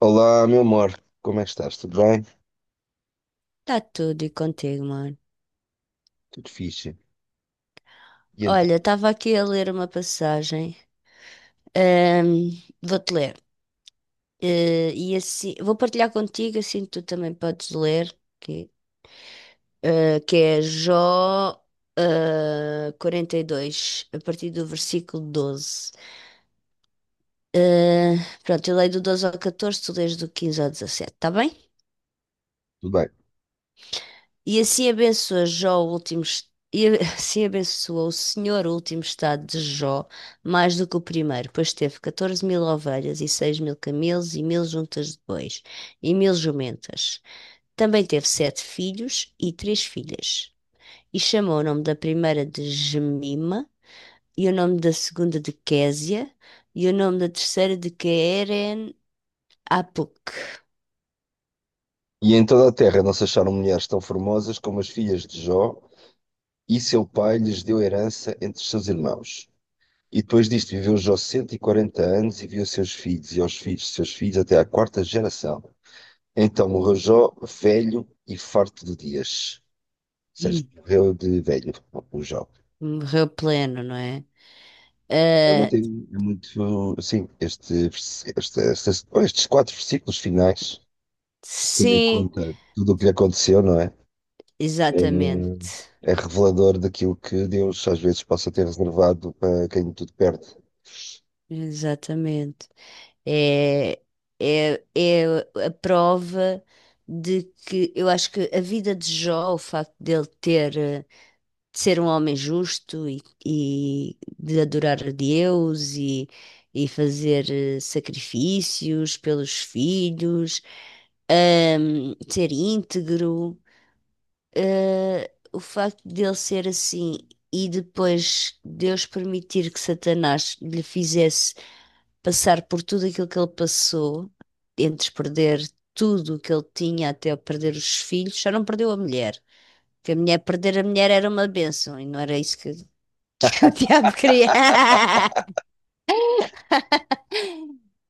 Olá, meu amor, como é que estás? Tudo bem? Tá tudo e contigo, mano. Tudo fixe. E então, Olha, estava aqui a ler uma passagem. Ahm, vou-te ler. E assim, vou partilhar contigo, assim tu também podes ler, que, que é Jó, 42 a partir do versículo doze. Eh, Pronto, eu leio do doze ao catorze, tu lês do 15 ao dezassete, tá bem? tudo bem. E assim abençoa Jó o último, assim abençoou o Senhor o último estado de Jó mais do que o primeiro, pois teve 14 mil ovelhas e 6 mil camelos e mil juntas de bois e mil jumentas. Também teve sete filhos e três filhas. E chamou o nome da primeira de Gemima, e o nome da segunda de Késia, e o nome da terceira de Queren Apuk. E em toda a terra não se acharam mulheres tão formosas como as filhas de Jó, e seu pai lhes deu herança entre seus irmãos. E depois disto viveu Jó 140 anos e viu seus filhos e aos filhos de seus filhos até à quarta geração. Então morreu Jó velho e farto de dias. Ou seja, Hum, morreu de velho, o Jó. morreu pleno, não é? Ah, É muito, sim, estes quatro versículos finais. Tendo em sim. conta tudo o que lhe aconteceu, não é? Exatamente, É, é revelador daquilo que Deus às vezes possa ter reservado para quem tudo perde. exatamente. É, é a prova de que eu acho que a vida de Jó, o facto dele ter, de ser um homem justo e, de adorar a Deus e fazer sacrifícios pelos filhos, ser íntegro. Eh, o facto dele ser assim e depois Deus permitir que Satanás lhe fizesse passar por tudo aquilo que ele passou, entre perder tudo o que ele tinha até perder os filhos, só não perdeu a mulher. Porque a mulher, perder a mulher era uma bênção e não era isso que, que o diabo queria.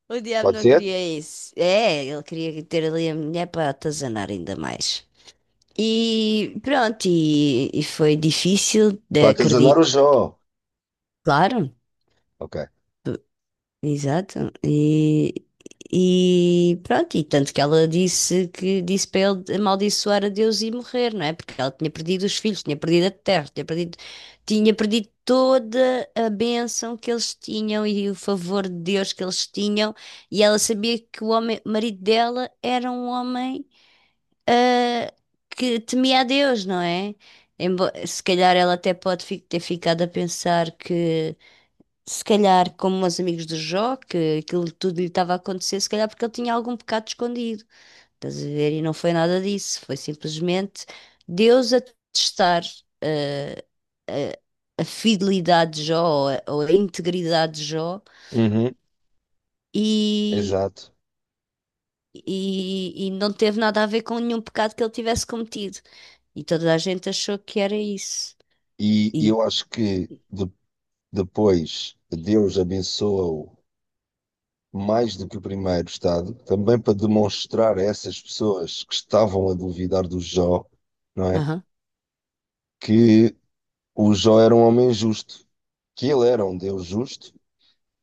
O diabo Pode não ser? queria isso. É, ele queria ter ali a mulher para atazanar ainda mais. E pronto, e foi difícil de Para atazanar o acreditar, Jó. claro. Ok. Exato. E pronto, e tanto que ela disse que disse para ele amaldiçoar a Deus e morrer, não é? Porque ela tinha perdido os filhos, tinha perdido a terra, tinha perdido toda a bênção que eles tinham e o favor de Deus que eles tinham, e ela sabia que o homem, o marido dela era um homem ah, que temia a Deus, não é? Se calhar ela até ter ficado a pensar que se calhar, como os amigos do Jó, que aquilo tudo lhe estava a acontecer, se calhar porque ele tinha algum pecado escondido. Estás a ver? E não foi nada disso. Foi simplesmente Deus a testar eh, a fidelidade de Jó ou a integridade de Jó Uhum. e. Exato. E, e não teve nada a ver com nenhum pecado que ele tivesse cometido. E toda a gente achou que era isso. E E eu acho que depois Deus abençoa-o mais do que o primeiro estado, também para demonstrar a essas pessoas que estavam a duvidar do Jó, não é? aham. Que o Jó era um homem justo, que ele era um Deus justo,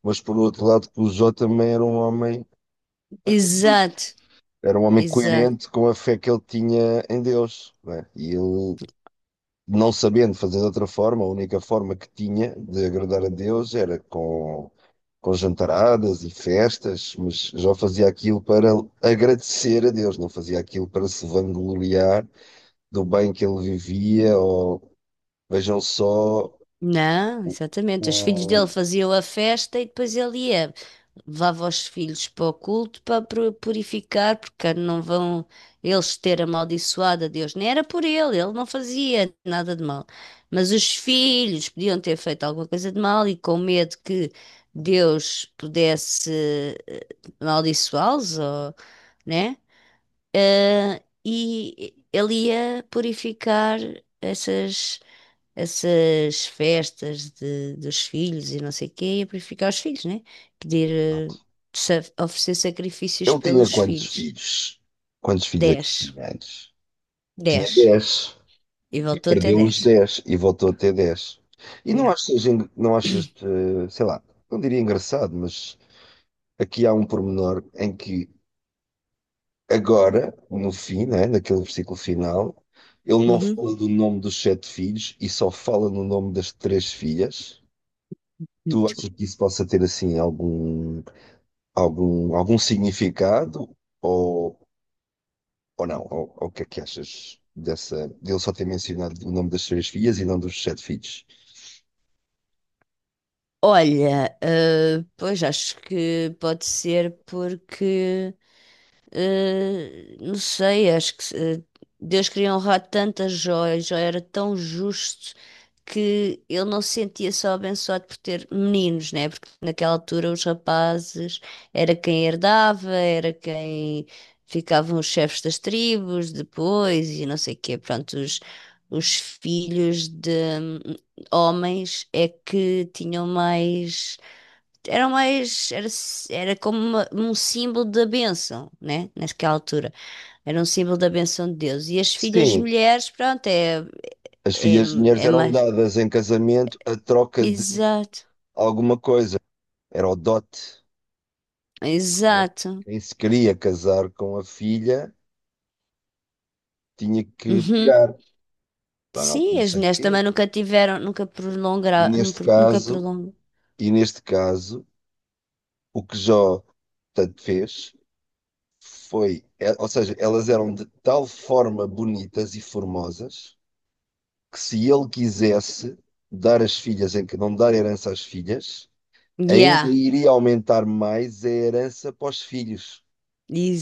mas por outro lado que o Jó também era um homem justo, Exato, era um homem exato. coerente com a fé que ele tinha em Deus, né? E ele, não sabendo fazer de outra forma, a única forma que tinha de agradar a Deus era com jantaradas e festas, mas Jó fazia aquilo para agradecer a Deus, não fazia aquilo para se vangloriar do bem que ele vivia, ou vejam só Não, exatamente. Os filhos dele o... faziam a festa e depois ele ia, levava os filhos para o culto para purificar, porque não vão eles ter amaldiçoado a Deus. Nem era por ele, ele não fazia nada de mal. Mas os filhos podiam ter feito alguma coisa de mal e com medo que Deus pudesse eh, amaldiçoá-los, ou, né? E ele ia purificar essas essas festas de, dos filhos e não sei o quê, e a purificar os filhos, né? Pedir, eh, oferecer sacrifícios Ele tinha pelos quantos filhos. filhos? Quantos filhos é que Dez. tinha antes? Tinha Dez. dez. E E voltou até perdeu dez. os 10 e voltou a ter dez. E não Yeah. achas, não achas, sei lá, não diria engraçado, mas aqui há um pormenor em que agora, no fim, né, naquele versículo final, ele não Uhum. fala do nome dos sete filhos e só fala no nome das três filhas. Tu Muito. achas que isso possa ter assim algum, algum significado ou, ou não? Ou o que é que achas dessa, dele só ter mencionado o nome das três filhas e não dos sete filhos? Olha, pois acho que pode ser porque não sei, acho que Deus queria honrar tantas joias, já era tão justo que ele não se sentia só abençoado por ter meninos, né? Porque naquela altura os rapazes era quem herdava, era quem ficavam os chefes das tribos depois e não sei o quê. Pronto, os filhos de hum, homens é que tinham mais, era mais, era, era como um símbolo da bênção, né? Naquela altura. Era um símbolo da bênção de Deus. E as filhas Sim, mulheres, pronto, é, as é, filhas de mulheres é eram mais. dadas em casamento a troca de Exato, alguma coisa. Era o dote, não é? exato. Quem se queria casar com a filha tinha que Uhum. pagar, lá não, Sim, não as sei o mulheres quê. também nunca tiveram, nunca E prolongaram, neste nunca caso, prolongam. e neste caso, o que Jó tanto fez foi, ou seja, elas eram de tal forma bonitas e formosas que se ele quisesse dar as filhas, em que não dar herança às filhas, ainda Yeah, iria aumentar mais a herança para os filhos.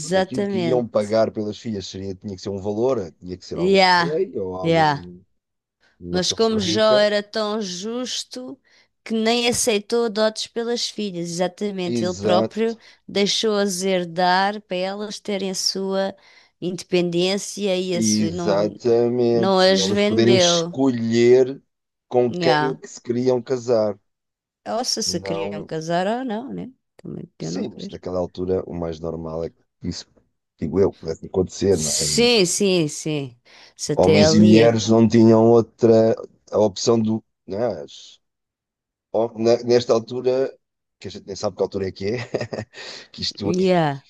Porque aquilo que iam pagar pelas filhas seria, tinha que ser um valor, tinha que ser algum Yeah, rei ou yeah. algum, uma Mas pessoa muito como Jó rica. era tão justo que nem aceitou dotes pelas filhas, exatamente, ele próprio Exato, deixou-as herdar para elas terem a sua independência e a sua, não, não exatamente. E as elas poderem vendeu. escolher com quem é Yeah. que se queriam casar. Ou se se queriam Não, casar ou não, né? Também eu não sim, mas creio. naquela altura o mais normal é que isso, digo eu, pudesse acontecer, não é? Sim, sim, sim. Se até Homens e ali é. mulheres não tinham outra a opção do, não é? Ó, nesta altura, que a gente nem sabe que altura é que é, que isto Yeah.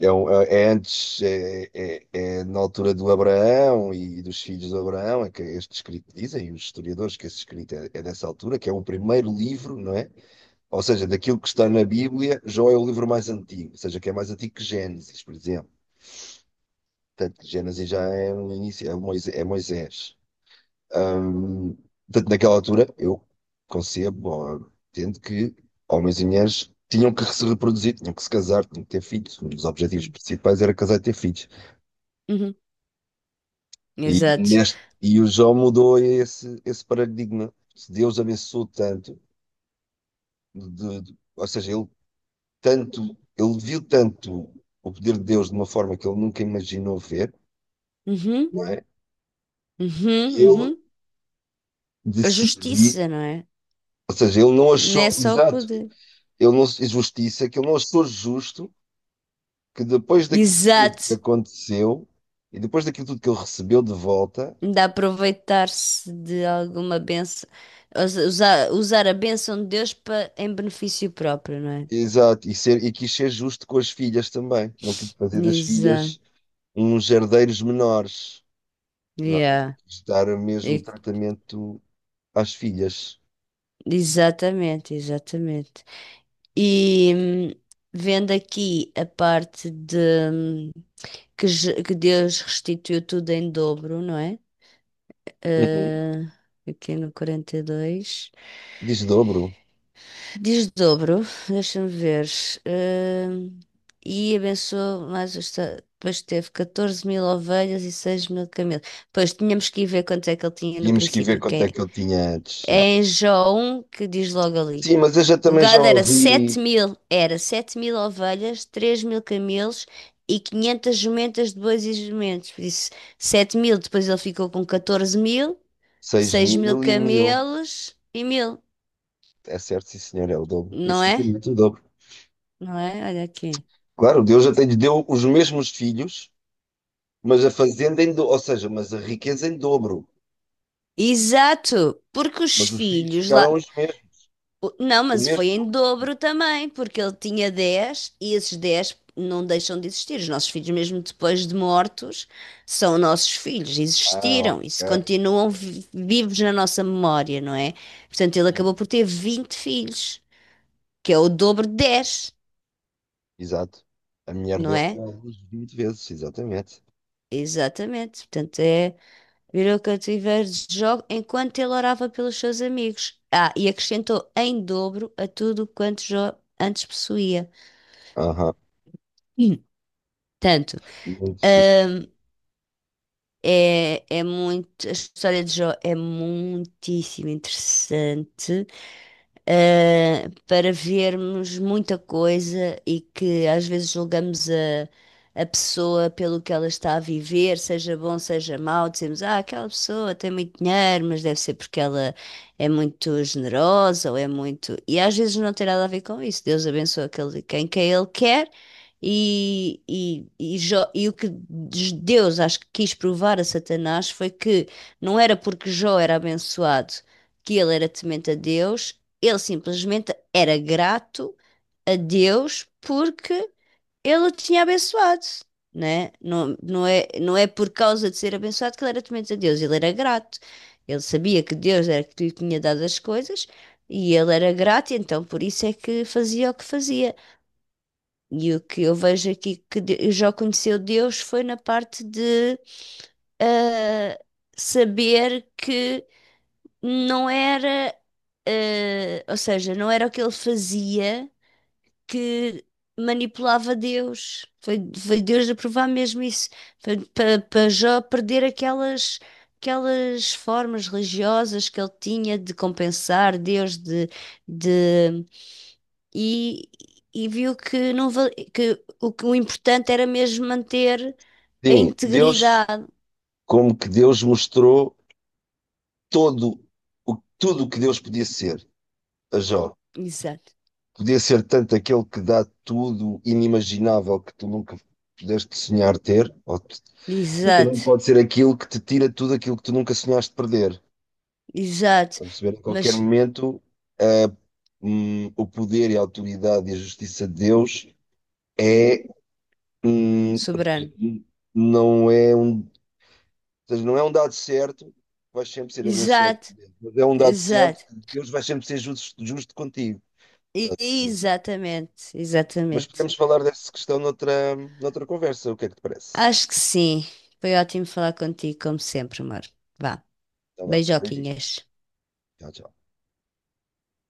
é, é antes, é na altura do Abraão e dos filhos do Abraão, é que este escrito, dizem os historiadores que esse escrito é, é dessa altura, que é o primeiro livro, não é? Ou seja, daquilo que está na Bíblia, Jó é o livro mais antigo, ou seja, que é mais antigo que Gênesis, por exemplo. Portanto, Gênesis já é no início, é Moisés. É Moisés. Ahm, Portanto, naquela altura, eu concebo, ou entendo que homens e mulheres tinham que se reproduzir, tinham que se casar, tinham que ter filhos. Um dos objetivos principais era casar e ter filhos. Uhum. E, Exato. neste, e o João mudou esse paradigma. Se Deus abençoou tanto, ou seja, ele tanto, ele viu tanto o poder de Deus de uma forma que ele nunca imaginou ver, Uhum. não é? Uhum. Que ele Uhum. A decidiu, justiça, não é? ou seja, ele não Não é achou, só o exato, poder. ele não, justiça, que ele não achou justo que depois daquilo tudo que Exato, aconteceu e depois daquilo tudo que ele recebeu de volta, de aproveitar-se de alguma benção, usar, usar a benção de Deus para, em benefício próprio, não é? exato, e, ser, e quis ser justo com as filhas também, não quis fazer das Exato, filhas uns herdeiros menores, não, é? yeah. Quis dar o mesmo E- tratamento às filhas. Exatamente, exatamente. E vendo aqui a parte de hum, que, que Deus restituiu tudo em dobro, não é? Uhum. Eh, aqui no quarenta e dois. Desdobro. Desdobro, deixa-me ver. Hum, e abençoou mais os. Depois teve 14 mil ovelhas e 6 mil camelos. Pois tínhamos que ir ver quanto é que ele tinha no Tínhamos que ver princípio, que quanto é, é que ele tinha antes. Já. é em João que diz logo ali. Sim, mas eu já O também já gado ouvi era 7 mil ovelhas, 3 mil camelos e 500 jumentas de bois e jumentos. Por isso, 7 mil, depois ele ficou com 14 mil, seis 6 mil mil e mil. camelos e mil, É certo, sim, senhor, é o dobro. não Isso é é? muito o dobro. Não é? Olha aqui. Claro, Deus até lhe deu os mesmos filhos. Mas a fazenda, em do... ou seja, mas a riqueza em dobro. Exato, porque os Mas os filhos filhos ficaram lá. os mesmos. Não, O mas mesmo foi em número. dobro também, porque ele tinha 10 e esses 10 não deixam de existir. Os nossos filhos, mesmo depois de mortos, são nossos filhos, Ah, existiram e ok. se continuam vivos na nossa memória, não é? Portanto, ele Hum. acabou por ter 20 filhos, que é o dobro de 10, Exato. A mulher não dele é? deu à luz 20 vezes, exatamente. Exatamente. Portanto, é. Virou cativeiro de Jó enquanto ele orava pelos seus amigos. Ah, e acrescentou em dobro a tudo quanto Jó antes possuía. Aham, Hum. Tanto, muito fixe. hum, é, é muito, a história de Jó é muitíssimo interessante. Eh, para vermos muita coisa e que às vezes julgamos a pessoa pelo que ela está a viver, seja bom, seja mau, dizemos, ah, aquela pessoa tem muito dinheiro, mas deve ser porque ela é muito generosa ou é muito. E às vezes não tem nada a ver com isso. Deus abençoa aquele, quem que ele quer. E e o que Deus acho que quis provar a Satanás foi que não era porque Jó era abençoado que ele era temente a Deus, ele simplesmente era grato a Deus porque ele o tinha abençoado, né? Não, não é, não é por causa de ser abençoado que ele era temente a Deus, ele era grato. Ele sabia que Deus era que lhe tinha dado as coisas e ele era grato, e então por isso é que fazia o que fazia. E o que eu vejo aqui que Jó conheceu Deus foi na parte de ah, saber que não era, ah, ou seja, não era o que ele fazia que manipulava Deus. Foi, foi Deus a provar mesmo isso. Foi para Jó perder aquelas, aquelas formas religiosas que ele tinha de compensar Deus, de, e, e viu que, não, que o importante era mesmo manter a Sim, Deus, integridade. como que Deus mostrou todo o, tudo o que Deus podia ser a Jó. Exato, Podia ser tanto aquele que dá tudo inimaginável que tu nunca pudeste sonhar ter, ou mas também exato, pode ser aquilo que te tira tudo aquilo que tu nunca sonhaste perder. A exato. perceber, em qualquer Mas momento, a- o poder e a autoridade e a justiça de Deus é, hum, soberano. não é um, ou seja, não é um dado certo que vais sempre ser abençoado Exato, por Deus, mas é um dado certo exato. que Deus vai sempre ser justo, justo contigo. E- Exatamente, Mas exatamente. podemos falar dessa questão noutra, noutra conversa, o que é que te parece? Acho que sim. Foi ótimo falar contigo, como sempre, amor. Vá, Tá vá, beijinhos. beijoquinhas. Tchau, tchau.